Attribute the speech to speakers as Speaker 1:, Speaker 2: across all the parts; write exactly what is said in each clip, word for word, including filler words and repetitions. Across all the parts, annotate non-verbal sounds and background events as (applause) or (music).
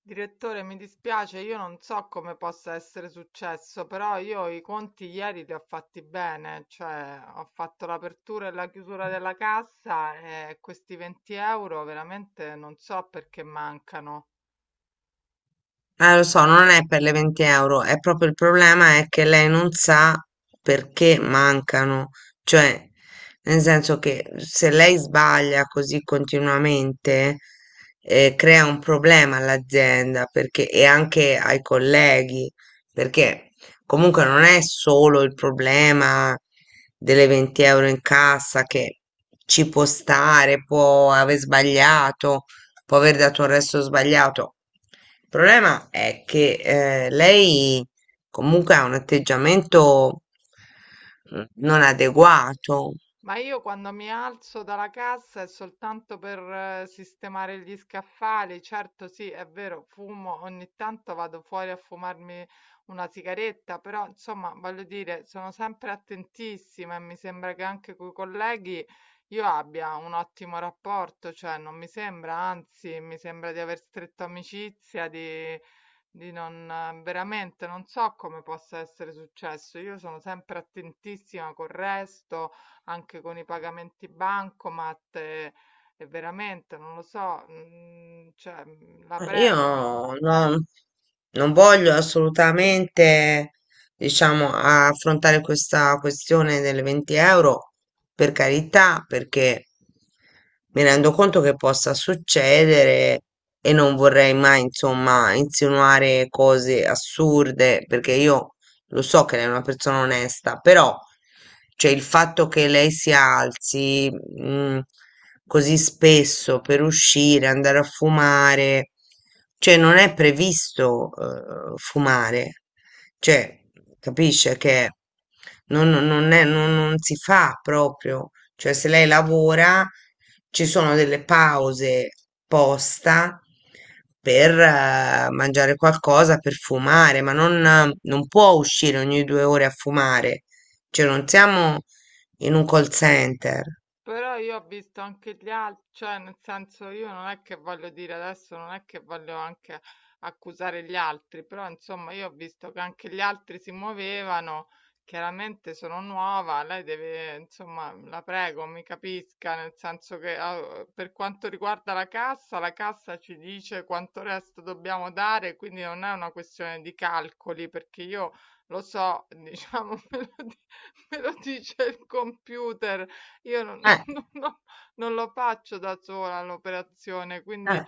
Speaker 1: Direttore, mi dispiace, io non so come possa essere successo, però io i conti ieri li ho fatti bene, cioè ho fatto l'apertura e la chiusura della cassa e questi venti euro veramente non so perché mancano.
Speaker 2: Eh, lo so, non è per le venti euro, è proprio il problema è che lei non sa perché mancano, cioè, nel senso che se lei sbaglia così continuamente, eh, crea un problema all'azienda perché, e anche ai colleghi, perché comunque non è solo il problema delle venti euro in cassa che ci può stare, può aver sbagliato, può aver dato un resto sbagliato. Il problema è che eh, lei comunque ha un atteggiamento mm, non adeguato.
Speaker 1: Ma io quando mi alzo dalla cassa è soltanto per eh, sistemare gli scaffali. Certo, sì, è vero, fumo, ogni tanto vado fuori a fumarmi una sigaretta, però insomma, voglio dire, sono sempre attentissima e mi sembra che anche coi colleghi io abbia un ottimo rapporto, cioè non mi sembra, anzi, mi sembra di aver stretto amicizia, di di non ehm, veramente non so come possa essere successo. Io sono sempre attentissima col resto, anche con i pagamenti bancomat e, e veramente non lo so, mm, cioè, mm, la
Speaker 2: Io
Speaker 1: prego, mi-
Speaker 2: non, non voglio assolutamente, diciamo, affrontare questa questione delle venti euro, per carità, perché mi rendo conto che possa succedere e non vorrei mai, insomma, insinuare cose assurde, perché io lo so che lei è una persona onesta, però cioè, il fatto che lei si alzi mm, così spesso per uscire, andare a fumare, cioè non è previsto eh, fumare, cioè capisce che non, non è, non, non si fa proprio. Cioè, se lei lavora, ci sono delle pause posta per eh, mangiare qualcosa, per fumare, ma non, eh, non può uscire ogni due ore a fumare. Cioè, non siamo in un call center.
Speaker 1: Però io ho visto anche gli altri, cioè nel senso, io non è che voglio dire adesso, non è che voglio anche accusare gli altri, però insomma io ho visto che anche gli altri si muovevano. Chiaramente sono nuova, lei deve, insomma, la prego, mi capisca, nel senso che eh, per quanto riguarda la cassa, la cassa ci dice quanto resto dobbiamo dare, quindi non è una questione di calcoli, perché io lo so, diciamo, (laughs) me lo, di- me lo dice il computer. Io non
Speaker 2: Eh,
Speaker 1: (laughs) non non non lo faccio da sola l'operazione, quindi
Speaker 2: eh,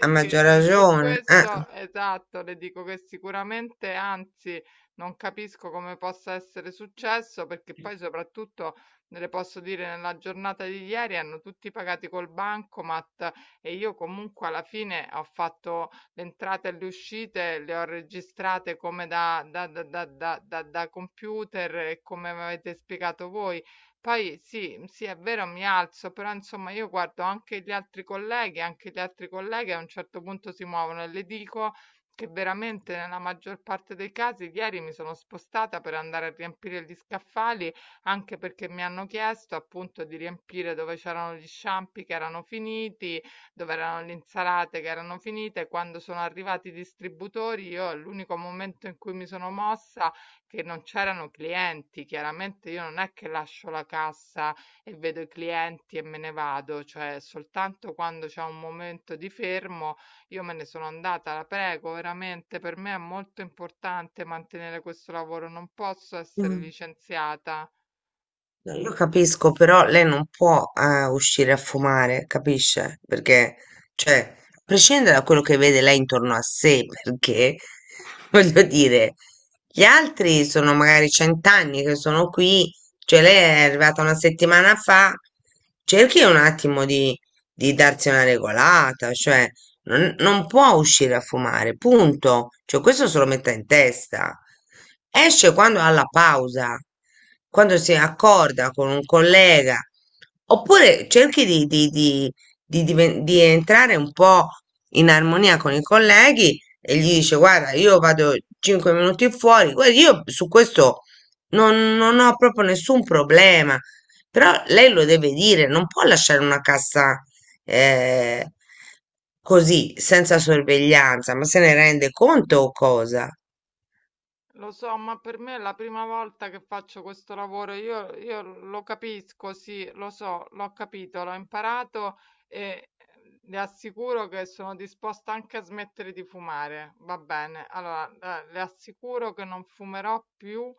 Speaker 2: a
Speaker 1: che,
Speaker 2: maggior
Speaker 1: ehm, su
Speaker 2: ragione. Eh.
Speaker 1: questo, esatto, le dico che sicuramente, anzi, non capisco come possa essere successo, perché poi soprattutto, le posso dire, nella giornata di ieri hanno tutti pagati col bancomat e io comunque alla fine ho fatto le entrate e le uscite, le ho registrate come da da da da da da da computer e come m'avete spiegato voi. Poi sì, mhmm, sì, è vero, mi alzo, però insomma io guardo anche gli altri colleghi, anche gli altri colleghi a un certo punto si muovono e le dico che veramente nella maggior parte dei casi ieri mi sono spostata per andare a riempire gli scaffali, anche perché mi hanno chiesto appunto di riempire dove c'erano gli sciampi che erano finiti, dove erano le insalate che erano finite. Quando sono arrivati i distributori, io l'unico momento in cui mi sono mossa, che non c'erano clienti. Chiaramente io non è che lascio la cassa e vedo i clienti e me ne vado, cioè soltanto quando c'è un momento di fermo io me ne sono andata. La prego, veramente per me è molto importante mantenere questo lavoro, non posso essere
Speaker 2: Mm.
Speaker 1: licenziata.
Speaker 2: No, io capisco, però lei non può eh, uscire a fumare, capisce? Perché, cioè, a prescindere da quello che vede lei intorno a sé, perché, (laughs)
Speaker 1: (laughs)
Speaker 2: voglio dire, gli altri sono magari cent'anni che sono qui, cioè lei è arrivata una settimana fa, cerchi un attimo di, di darsi una regolata, cioè, non, non può uscire a fumare, punto. Cioè, questo se lo metta in testa. Esce quando ha la pausa, quando si accorda con un collega, oppure cerchi di, di- di- di diven- di entrare un po' in armonia con i colleghi e gli dice: Guarda, io vado cinque minuti fuori. Guarda, io su questo non non ho proprio nessun problema. Però lei lo deve dire, non può lasciare una cassa eh, così, senza sorveglianza, ma se ne rende conto o cosa?
Speaker 1: Lo so, ma per me è la prima volta che faccio questo lavoro. Io, io lo capisco, sì, lo so, l'ho capito, l'ho imparato e ehm, le assicuro che sono disposta anche a smettere di fumare. Va bene, allora, eh, le assicuro che non fumerò più,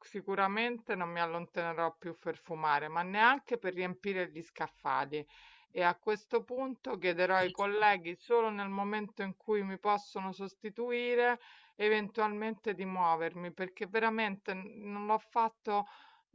Speaker 1: sicuramente non mi allontanerò più per fumare, ma neanche per riempire gli scaffali. E a questo punto chiederò ai colleghi, solo nel momento in cui mi possono sostituire eventualmente, di muovermi, perché veramente n- non l'ho fatto.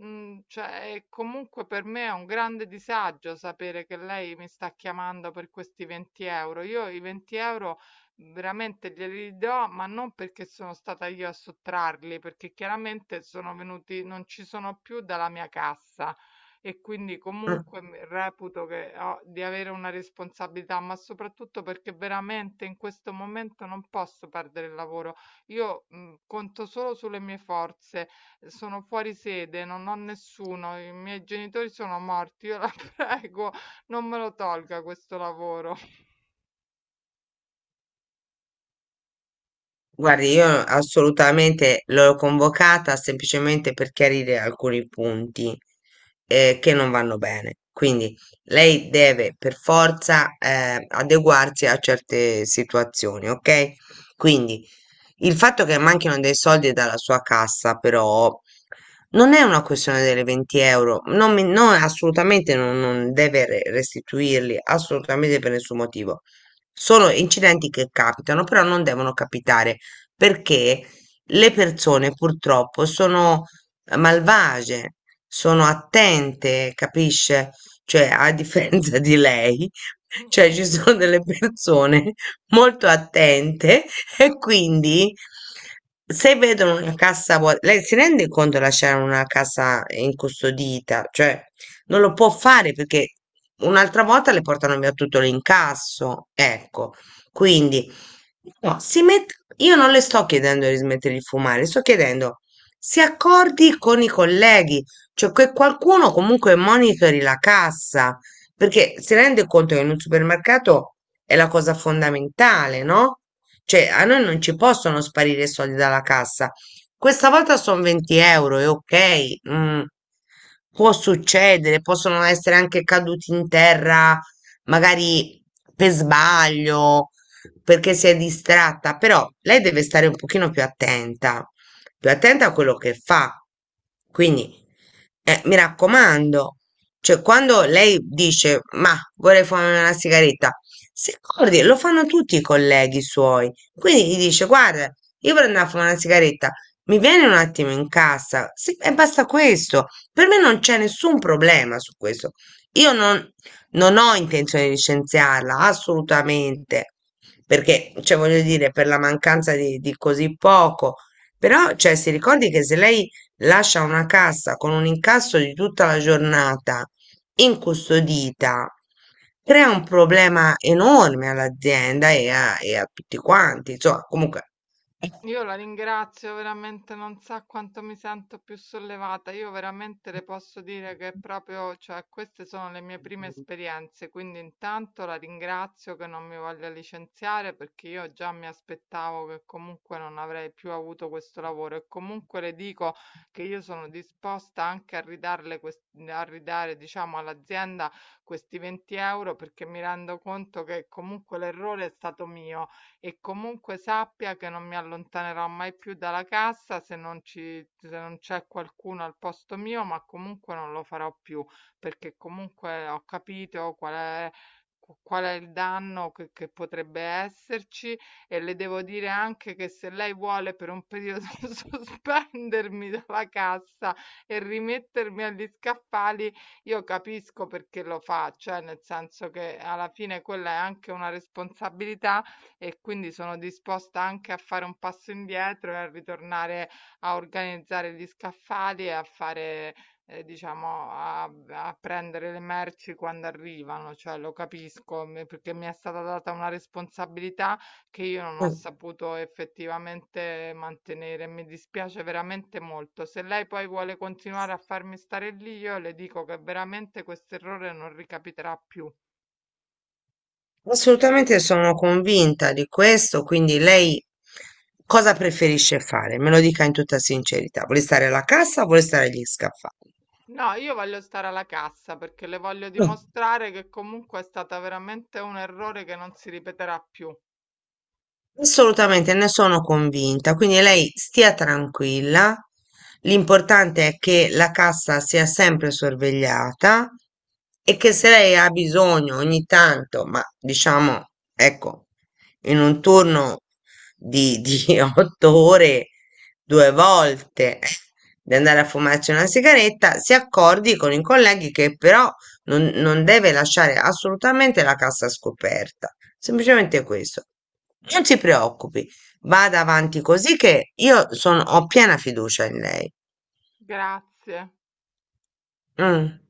Speaker 1: Mm, cioè, e comunque per me è un grande disagio sapere che lei mi sta chiamando per questi venti euro. Io i venti euro veramente glieli do, ma non perché sono stata io a sottrarli, perché chiaramente sono venuti, non ci sono più dalla mia cassa, e quindi
Speaker 2: Mm,
Speaker 1: comunque mi- reputo che ho, di avere una responsabilità, ma soprattutto perché veramente in questo momento non posso perdere il lavoro. Io, mhmm, conto solo sulle mie forze, ehm, sono fuori sede, non ho nessuno, i miei genitori sono morti. Io la (laughs) prego, non me lo tolga questo lavoro.
Speaker 2: Guardi, io assolutamente l'ho convocata semplicemente per chiarire alcuni punti eh, che non vanno bene. Quindi lei deve per forza eh, adeguarsi a certe situazioni, ok? Quindi il fatto che manchino dei soldi dalla sua cassa, però, non è una questione delle venti euro, non mi- no, assolutamente non, non deve re- restituirli, assolutamente per nessun motivo. Sono incidenti che capitano, però non devono capitare perché le persone purtroppo sono eh, malvagie, sono attente, capisce? Cioè, a differenza di lei, (laughs) cioè
Speaker 1: (laughs)
Speaker 2: ci sono delle persone (laughs) molto attente. (laughs) E quindi se vedono una cassa vuota, lei si rende conto di lasciare una cassa incustodita, cioè non lo può fare perché un'altra volta le portano via tutto l'incasso, ecco. Quindi no, si met- io non le sto chiedendo di smettere di fumare, sto chiedendo si accordi con i colleghi, cioè che qualcuno comunque monitori la cassa, perché si rende conto che in un supermercato è la cosa fondamentale, no? Cioè, a noi non ci possono sparire i soldi dalla cassa. Questa volta sono venti euro, è ok. mm, può succedere, possono essere anche caduti in terra, magari per sbaglio, perché si è distratta, però lei deve stare un pochino più attenta, più attenta a quello che fa. Quindi, eh, mi raccomando, cioè quando lei dice, ma vorrei fumare una sigaretta, si accordi, lo fanno tutti i colleghi suoi. Quindi gli dice: Guarda, io per andare a fumare una sigaretta mi vieni un attimo in cassa. Sì, e basta questo. Per me non c'è nessun problema su questo. Io non, non ho intenzione di licenziarla assolutamente perché, cioè, voglio dire, per la mancanza di, di così poco. Però, cioè, si ricordi che se lei lascia una cassa con un incasso di tutta la giornata incustodita crea un problema enorme all'azienda e a, e a tutti quanti. Insomma, comunque,
Speaker 1: Io la ringrazio veramente, non sa quanto mi sento più sollevata. Io veramente le posso dire che proprio, cioè, queste sono le mie prime esperienze, quindi intanto la ringrazio che non mi voglia licenziare, perché io già mi aspettavo che comunque non avrei più avuto questo lavoro, e comunque le dico che io sono disposta anche a ridarle, quest- a ridare, diciamo, all'azienda questi venti euro, perché mi rendo conto che comunque l'errore è stato mio, e comunque sappia che non mi allontanerò mai più dalla cassa se non ci, se non c'è qualcuno al posto mio, ma comunque non lo farò più, perché comunque ho capito qual è. Qual è il danno che, che potrebbe esserci? E le devo dire anche che, se lei vuole, per un periodo (laughs) sospendermi dalla cassa e rimettermi agli scaffali, io capisco perché lo fa, cioè nel senso che alla fine quella è anche una responsabilità, e quindi sono disposta anche a fare un passo indietro e a ritornare a organizzare gli scaffali e a fare, eh, diciamo, a, a prendere le merci quando arrivano, cioè lo capisco, me- perché mi è stata data una responsabilità che io non ho
Speaker 2: Eh,
Speaker 1: saputo effettivamente mantenere. Mi dispiace veramente molto. Se lei poi vuole continuare a farmi stare lì, io le dico che veramente questo errore non ricapiterà più.
Speaker 2: assolutamente sono convinta di questo. Quindi lei cosa preferisce fare? Me lo dica in tutta sincerità. Vuole stare alla cassa o vuole stare agli scaffali?
Speaker 1: No, io voglio stare alla cassa, perché le voglio dimostrare che comunque è stata veramente un errore che non si ripeterà più.
Speaker 2: Assolutamente, ne sono convinta. Quindi lei stia tranquilla. L'importante è che la cassa sia sempre sorvegliata e che se lei ha bisogno ogni tanto, ma diciamo, ecco, in un turno di, di (laughs) otto ore, due volte (laughs) di andare a fumarci una sigaretta, si accordi con i colleghi che però non non deve lasciare assolutamente la cassa scoperta. Semplicemente questo. Non si preoccupi, vada avanti così che io sono- ho piena fiducia in lei.
Speaker 1: Grazie.
Speaker 2: Mm.